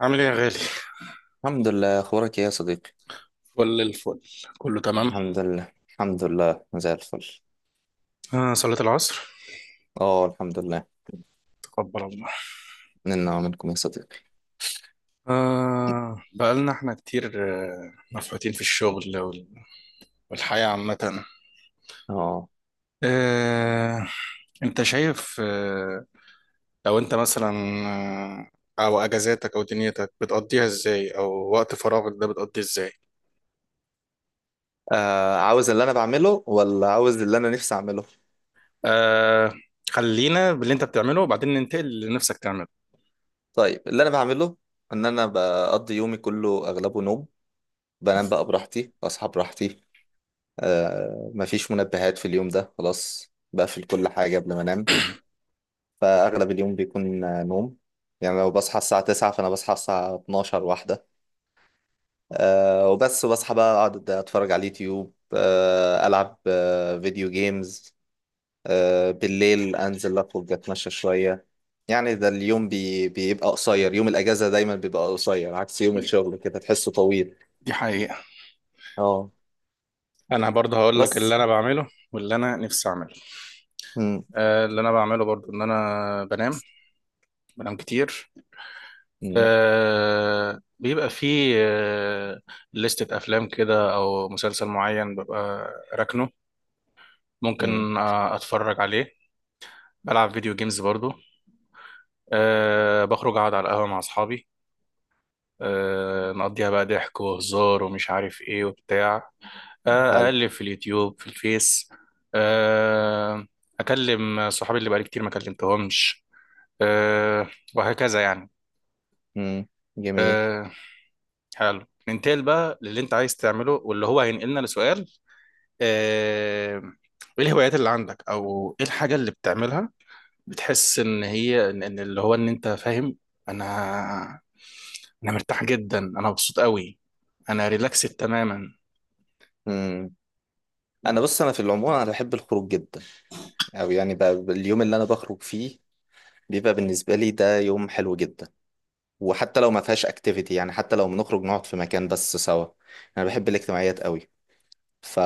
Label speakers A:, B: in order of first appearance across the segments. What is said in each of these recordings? A: عامل ايه يا غالي؟
B: الحمد لله، اخبارك ايه يا صديقي؟
A: فل الفل. كله تمام.
B: الحمد لله، زي الفل.
A: صلاة العصر.
B: اه الحمد لله.
A: تقبل الله.
B: منا ومنكم يا صديقي.
A: بقالنا احنا كتير، مفحوتين في الشغل والحياة عامة.
B: اه.
A: آه انت شايف. لو انت مثلا، او اجازاتك او دنيتك بتقضيها ازاي، او وقت فراغك ده بتقضيه ازاي؟
B: عاوز اللي انا بعمله ولا عاوز اللي انا نفسي اعمله؟
A: آه خلينا باللي انت بتعمله وبعدين ننتقل للي نفسك تعمله.
B: طيب، اللي انا بعمله ان انا بقضي يومي كله اغلبه نوم. بنام بقى براحتي، اصحى براحتي. آه مفيش منبهات في اليوم ده، خلاص بقفل كل حاجة قبل ما انام. فاغلب اليوم بيكون نوم. يعني لو بصحى الساعة 9 فانا بصحى الساعة 12 واحدة، آه وبس. وبصحى بقى اقعد اتفرج على اليوتيوب، آه العب آه فيديو جيمز. آه بالليل انزل اخرج اتمشى شويه. يعني ده اليوم بيبقى قصير، يوم الاجازه دايما بيبقى قصير عكس يوم الشغل كده تحسه طويل.
A: دي حقيقة.
B: اه.
A: انا برضه هقول لك
B: بس.
A: اللي انا بعمله واللي انا نفسي اعمله.
B: مم.
A: اللي انا بعمله برضو ان انا بنام. بنام كتير.
B: مم.
A: بيبقى فيه لستة افلام كده او مسلسل معين ببقى راكنه،
B: مم.
A: ممكن اتفرج عليه. بلعب فيديو جيمز برضو. بخرج اقعد على القهوة مع اصحابي، نقضيها بقى ضحك وهزار ومش عارف ايه وبتاع.
B: حلو.
A: اقلب في اليوتيوب، في الفيس. آه، اكلم صحابي اللي بقالي كتير ما كلمتهمش، آه، وهكذا يعني.
B: مم. جميل.
A: آه، حلو. ننتقل بقى للي انت عايز تعمله واللي هو هينقلنا لسؤال. آه، ايه الهوايات اللي عندك، او ايه الحاجة اللي بتعملها بتحس ان هي إن اللي هو ان انت فاهم. انا انا مرتاح جدا، انا مبسوط قوي. انا ريلاكسد تماما.
B: مم. انا بص، انا في العموم انا بحب الخروج جدا. او يعني بقى اليوم اللي انا بخرج فيه بيبقى بالنسبه لي ده يوم حلو جدا. وحتى لو ما فيهاش اكتيفيتي، يعني حتى لو بنخرج نقعد في مكان بس سوا، انا بحب الاجتماعيات قوي. ف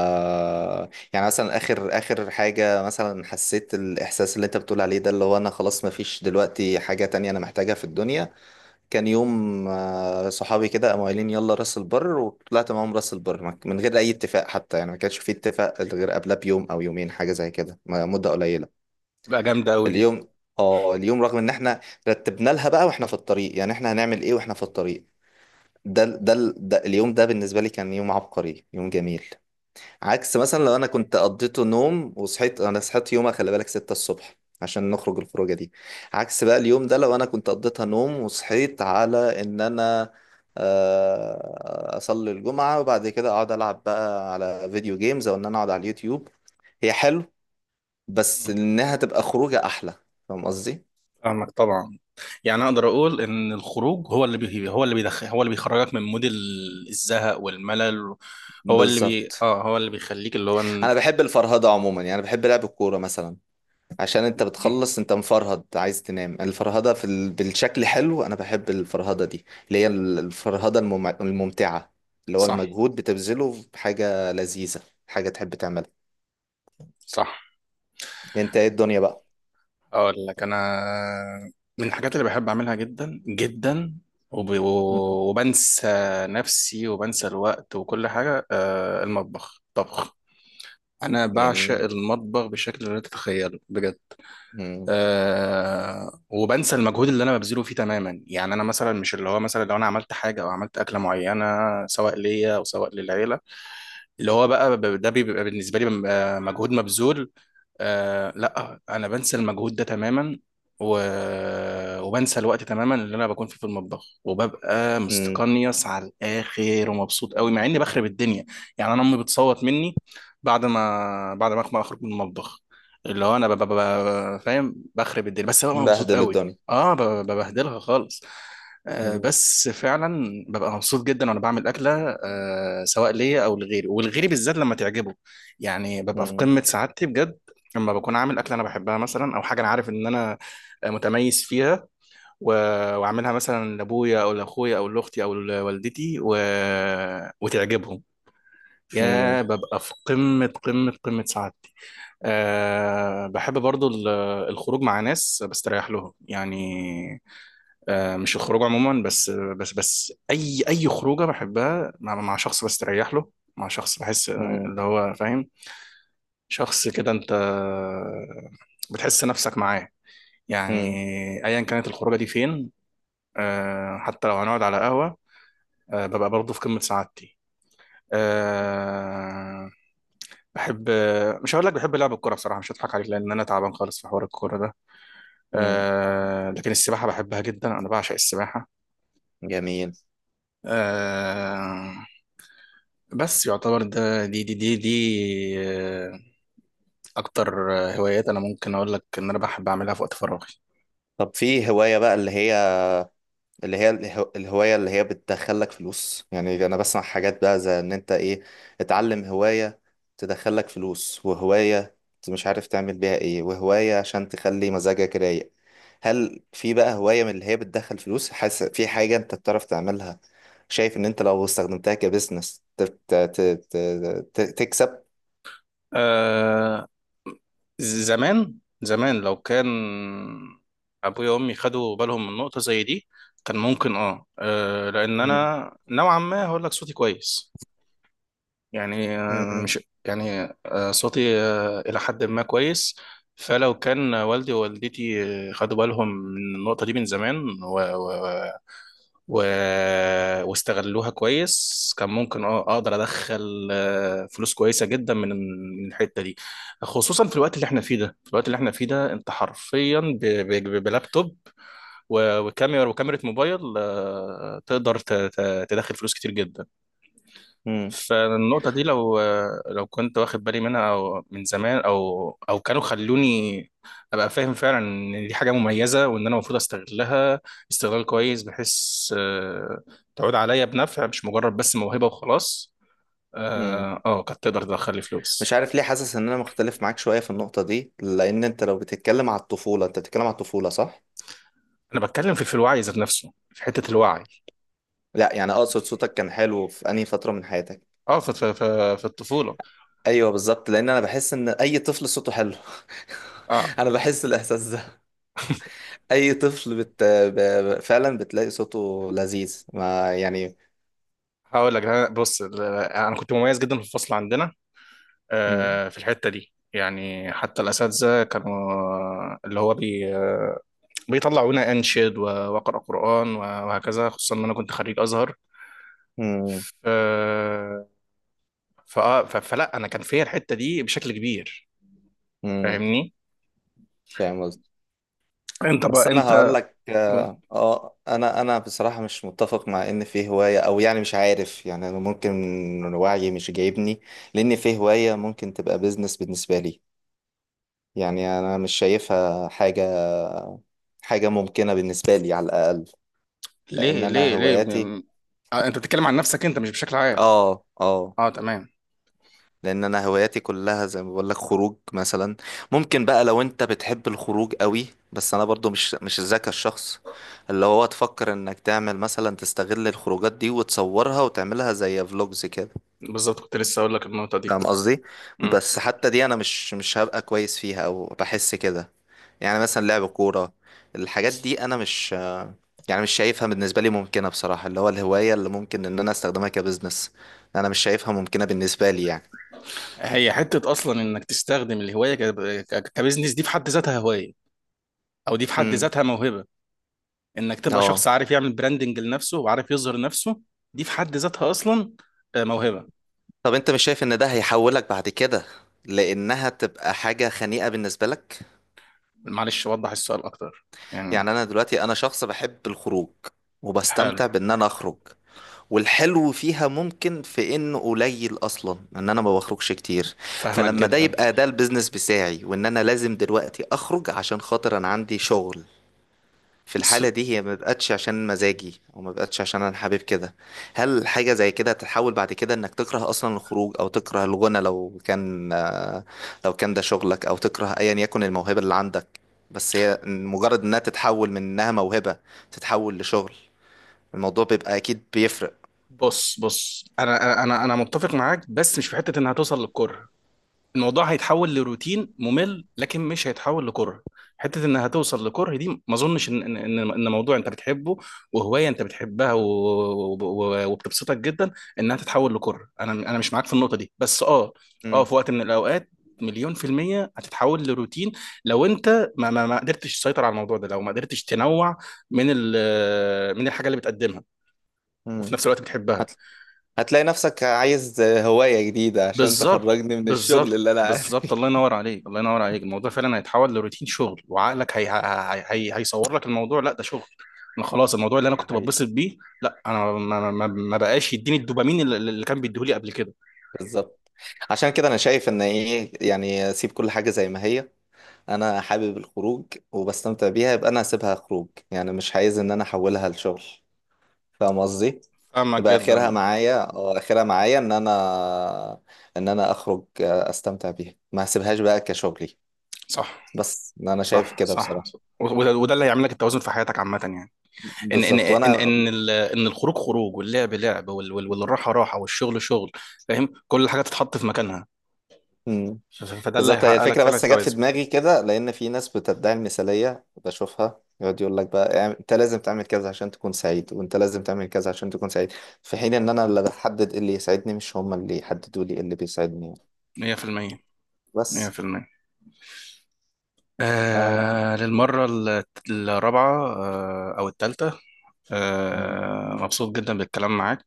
B: يعني مثلا اخر حاجه، مثلا حسيت الاحساس اللي انت بتقول عليه ده، اللي هو انا خلاص ما فيش دلوقتي حاجه تانية انا محتاجها في الدنيا. كان يوم صحابي كده قاموا قايلين يلا راس البر، وطلعت معاهم راس البر من غير اي اتفاق حتى. يعني ما كانش في اتفاق غير قبلها بيوم او يومين، حاجه زي كده، مده قليله.
A: تبقى جامدة قوي دي.
B: اليوم، اه اليوم رغم ان احنا رتبنا لها بقى واحنا في الطريق، يعني احنا هنعمل ايه واحنا في الطريق، ده ده ده اليوم ده بالنسبة لي كان يوم عبقري، يوم جميل. عكس مثلا لو انا كنت قضيته نوم وصحيت، انا صحيت يومها خلي بالك 6 الصبح عشان نخرج الخروجة دي. عكس بقى اليوم ده لو انا كنت قضيتها نوم وصحيت على ان انا اصلي الجمعة وبعد كده اقعد العب بقى على فيديو جيمز او ان انا اقعد على اليوتيوب. هي حلو، بس
A: مم.
B: انها تبقى خروجة احلى. فاهم قصدي.
A: فاهمك طبعا. يعني اقدر اقول ان الخروج هو اللي بيخرجك من مود الزهق والملل.
B: بالظبط.
A: هو اللي بيخليك
B: انا بحب الفرهدة عموما، يعني بحب لعب الكورة مثلا. عشان انت بتخلص انت مفرهد عايز تنام، الفرهدة بالشكل حلو. انا بحب الفرهدة دي اللي هي الفرهدة الممتعة، اللي هو
A: صح،
B: المجهود بتبذله في حاجة لذيذة، حاجة تحب تعملها.
A: صح.
B: انت ايه الدنيا بقى؟
A: اقول لك انا، من الحاجات اللي بحب اعملها جدا جدا
B: مم.
A: وبنسى نفسي وبنسى الوقت وكل حاجه، المطبخ، طبخ. انا بعشق
B: جميل.
A: المطبخ بشكل لا تتخيله بجد.
B: مم.
A: وبنسى المجهود اللي انا ببذله فيه تماما. يعني انا مثلا مش اللي هو، مثلا لو انا عملت حاجه او عملت اكله معينه سواء ليا او سواء للعيله، اللي هو بقى ب- ده بيبقى بالنسبه لي بيبقى مجهود مبذول. لا، انا بنسى المجهود ده تماما، و... وبنسى الوقت تماما اللي انا بكون فيه في المطبخ، وببقى
B: مم.
A: مستقنيص على الاخر ومبسوط قوي مع اني بخرب الدنيا. يعني انا امي بتصوت مني بعد ما ما اخرج من المطبخ، اللي هو انا ببقى فاهم بخرب الدنيا بس ببقى مبسوط
B: مبهدل
A: قوي.
B: الدنيا.
A: اه، ببهدلها خالص.
B: مم.
A: بس فعلا ببقى مبسوط جدا وانا بعمل اكله، سواء ليا او لغيري، ولغيري بالذات لما تعجبه. يعني ببقى في
B: مم.
A: قمه سعادتي بجد. لما بكون عامل اكله انا بحبها مثلا، او حاجه انا عارف ان انا متميز فيها، و... واعملها مثلا لابويا او لاخويا او لاختي او لوالدتي وتعجبهم،
B: مم.
A: يا ببقى في قمه قمه قمه سعادتي. بحب برضو الخروج مع ناس بستريح لهم يعني. مش الخروج عموما، بس اي خروجه بحبها مع شخص بستريح له، مع شخص بحس
B: مم.
A: اللي هو فاهم، شخص كده انت بتحس نفسك معاه يعني،
B: مم.
A: ايا كانت الخروجه دي فين. حتى لو هنقعد على قهوه، ببقى برضه في قمه سعادتي. آه، بحب، مش هقول لك بحب لعب الكوره بصراحه، مش هضحك عليك لان انا تعبان خالص في حوار الكوره ده.
B: مم.
A: لكن السباحه بحبها جدا، انا بعشق السباحه.
B: جميل.
A: آه، بس يعتبر ده دي، آه، اكتر هوايات انا ممكن اقول لك ان انا بحب اعملها في وقت فراغي.
B: طب في هواية بقى اللي هي، الهواية اللي هي بتدخلك فلوس، يعني أنا بسمع حاجات بقى زي إن أنت إيه، اتعلم هواية تدخلك فلوس، وهواية أنت مش عارف تعمل بيها إيه، وهواية عشان تخلي مزاجك رايق. هل في بقى هواية من اللي هي بتدخل فلوس حاسس في حاجة أنت بتعرف تعملها، شايف إن أنت لو استخدمتها كبزنس تكسب؟
A: آه، زمان زمان، لو كان ابويا وامي خدوا بالهم من نقطة زي دي، كان ممكن لان
B: مم.
A: انا نوعا ما هقول لك صوتي كويس. يعني
B: مم.
A: مش. يعني صوتي الى حد ما كويس. فلو كان والدي ووالدتي خدوا بالهم من النقطة دي من زمان، و... واستغلوها كويس، كان ممكن اقدر ادخل فلوس كويسه جدا من الحته دي. خصوصا في الوقت اللي احنا فيه ده، انت حرفيا بلابتوب وكاميرا موبايل، تقدر تدخل فلوس كتير جدا.
B: مم.
A: فالنقطة دي، لو كنت واخد بالي منها أو من زمان، أو كانوا خلوني أبقى فاهم فعلا إن دي حاجة مميزة، وإن أنا المفروض أستغلها استغلال كويس بحيث آه، تعود عليا بنفع، مش مجرد بس موهبة وخلاص.
B: مم.
A: كانت تقدر تدخل لي فلوس.
B: مش عارف ليه حاسس ان انا مختلف معاك شوية في النقطة دي، لان انت لو بتتكلم على الطفولة، انت بتتكلم على الطفولة صح؟
A: أنا بتكلم في الوعي ذات نفسه، في حتة الوعي.
B: لا يعني اقصد صوتك كان حلو في انهي فترة من حياتك؟
A: في الطفولة.
B: ايوه بالظبط، لان انا بحس ان اي طفل صوته حلو.
A: أه
B: انا بحس الاحساس ده. اي طفل فعلا بتلاقي صوته لذيذ ما، يعني.
A: هقول لك، بص أنا كنت مميز جدا في الفصل عندنا،
B: مم.
A: في الحتة دي. يعني حتى الأساتذة كانوا، اللي هو بي بيطلعونا أنشد وأقرأ قرآن وهكذا، خصوصا إن أنا كنت خريج أزهر.
B: مم.
A: ف... فلا، أنا كان فيا الحتة دي بشكل كبير.
B: مم.
A: فاهمني؟
B: فاهم قصدي.
A: أنت
B: بس
A: بقى
B: انا
A: أنت.
B: هقول لك اه، انا بصراحة مش متفق مع ان في هواية، او يعني مش عارف، يعني أنا ممكن وعيي مش جايبني لان في هواية ممكن تبقى بيزنس بالنسبة لي. يعني انا مش شايفها حاجة، حاجة ممكنة بالنسبة لي على الاقل، لان
A: ليه
B: انا
A: ليه ليه
B: هواياتي.
A: أنت بتتكلم عن نفسك أنت، مش بشكل عام.
B: اه اه.
A: تمام.
B: لان انا هواياتي كلها زي ما بقول لك، خروج مثلا. ممكن بقى لو انت بتحب الخروج قوي، بس انا برضو مش ذاك الشخص اللي هو تفكر انك تعمل مثلا تستغل الخروجات دي وتصورها وتعملها زي فلوجز كده.
A: بالظبط، كنت لسه أقول لك النقطة دي.
B: فاهم قصدي.
A: مم.
B: بس حتى دي انا مش هبقى كويس فيها او بحس كده. يعني مثلا لعب كورة، الحاجات دي انا مش، يعني مش شايفها بالنسبة لي ممكنة بصراحة، اللي هو الهواية اللي ممكن ان انا استخدمها كبزنس انا مش شايفها ممكنة بالنسبة لي يعني.
A: هي حتة أصلا، إنك تستخدم الهواية كبزنس، دي في حد ذاتها هواية، أو دي في حد
B: امم.
A: ذاتها موهبة. انك تبقى
B: اه.
A: شخص عارف يعمل براندنج لنفسه وعارف يظهر نفسه، دي في حد ذاتها اصلا، موهبة.
B: طب انت مش شايف ان ده هيحولك بعد كده، لانها تبقى حاجة خنيئة بالنسبة لك؟
A: معلش وضح السؤال اكتر،
B: يعني
A: يعني.
B: انا دلوقتي انا شخص بحب الخروج
A: حلو.
B: وبستمتع بان انا اخرج، والحلو فيها ممكن في انه قليل اصلا، ان انا ما بخرجش كتير.
A: فاهمك
B: فلما ده
A: جدا.
B: يبقى ده البيزنس بتاعي، وان انا لازم دلوقتي اخرج عشان خاطر انا عندي شغل، في
A: س-
B: الحالة دي هي ما بقتش عشان مزاجي، او ما بقتش عشان انا حابب كده. هل حاجة زي كده تتحول بعد كده انك تكره اصلا الخروج، او تكره الغنى لو كان لو كان ده شغلك، او تكره ايا يكن الموهبة اللي عندك؟ بس هي مجرد انها تتحول من انها موهبة تتحول لشغل، الموضوع بيبقى اكيد بيفرق.
A: بص بص، انا انا انا أنا متفق معاك، بس مش في حتة انها توصل للكره. الموضوع هيتحول لروتين ممل، لكن مش هيتحول لكره. حته انها توصل لكره، دي ما اظنش ان ان ان إن موضوع انت بتحبه، وهوايه انت بتحبها وبتبسطك جدا، انها تتحول لكره، انا مش معاك في النقطه دي. بس اه، اه
B: مم.
A: في وقت من الاوقات، مليون في المية هتتحول لروتين لو انت ما قدرتش تسيطر على الموضوع ده، لو ما قدرتش تنوع من من الحاجة اللي بتقدمها، وفي
B: مم.
A: نفس الوقت بتحبها.
B: هت... هتلاقي نفسك عايز هواية جديدة عشان
A: بالظبط
B: تخرجني من الشغل اللي أنا قاعد فيه.
A: بالظبط، الله ينور عليك، الله ينور عليك. الموضوع فعلا هيتحول لروتين شغل، وعقلك هيصور لك الموضوع، لا ده شغل، انا خلاص. الموضوع اللي انا
B: ده
A: كنت
B: حقيقي.
A: بتبسط بيه، لا انا ما بقاش يديني الدوبامين اللي كان بيديهولي قبل كده.
B: بالظبط. عشان كده انا شايف ان ايه، يعني سيب كل حاجة زي ما هي. انا حابب الخروج وبستمتع بيها، يبقى انا هسيبها خروج، يعني مش عايز ان انا احولها لشغل. فاهم قصدي.
A: فاهمك
B: تبقى اخرها
A: جدا.
B: معايا، اه اخرها معايا ان انا، ان انا اخرج استمتع بيها، ما هسيبهاش بقى كشغلي.
A: صح،
B: بس انا شايف
A: صح،
B: كده
A: صح.
B: بصراحة.
A: وده اللي هيعمل لك التوازن في حياتك عامة، يعني
B: بالظبط. وانا،
A: ان الخروج خروج، واللعب لعب، والراحة راحة، والشغل شغل. فاهم؟ كل حاجة تتحط في مكانها، فده اللي
B: بالظبط. هي
A: هيحقق لك
B: الفكرة
A: فعلا
B: بس جت في
A: التوازن.
B: دماغي كده، لأن في ناس بتدعي المثالية بشوفها يقعد يقول لك بقى، يعني أنت لازم تعمل كذا عشان تكون سعيد، وأنت لازم تعمل كذا عشان تكون سعيد، في حين إن أنا اللي بحدد إيه اللي يسعدني، مش هما اللي يحددوا لي إيه اللي بيسعدني يعني.
A: 100%.
B: بس.
A: 100%.
B: آه.
A: للمرة الرابعة، أو الثالثة.
B: مم.
A: مبسوط جدا بالكلام معاك،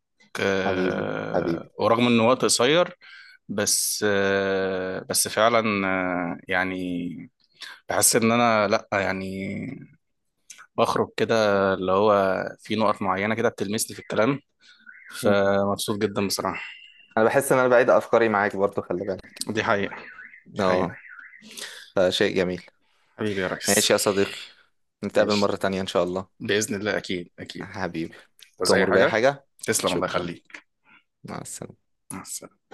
B: حبيبي. حبيبي.
A: ورغم إن وقت قصير، بس بس فعلا، يعني بحس إن أنا لأ، يعني بخرج كده اللي هو، في نقط معينة كده بتلمسني في الكلام،
B: مم.
A: فمبسوط جدا بصراحة.
B: أنا بحس إن أنا بعيد أفكاري معاك برضو، خلي بالك.
A: دي حقيقة. دي حقيقة.
B: أه. فشيء جميل.
A: حبيبي يا ريس.
B: ماشي يا صديقي، نتقابل
A: ماشي.
B: مرة تانية إن شاء الله.
A: بإذن الله، أكيد أكيد.
B: حبيبي.
A: وزي أي
B: تؤمر بأي
A: حاجة.
B: حاجة.
A: تسلم، الله
B: شكرا.
A: يخليك.
B: مع السلامة.
A: مع السلامة.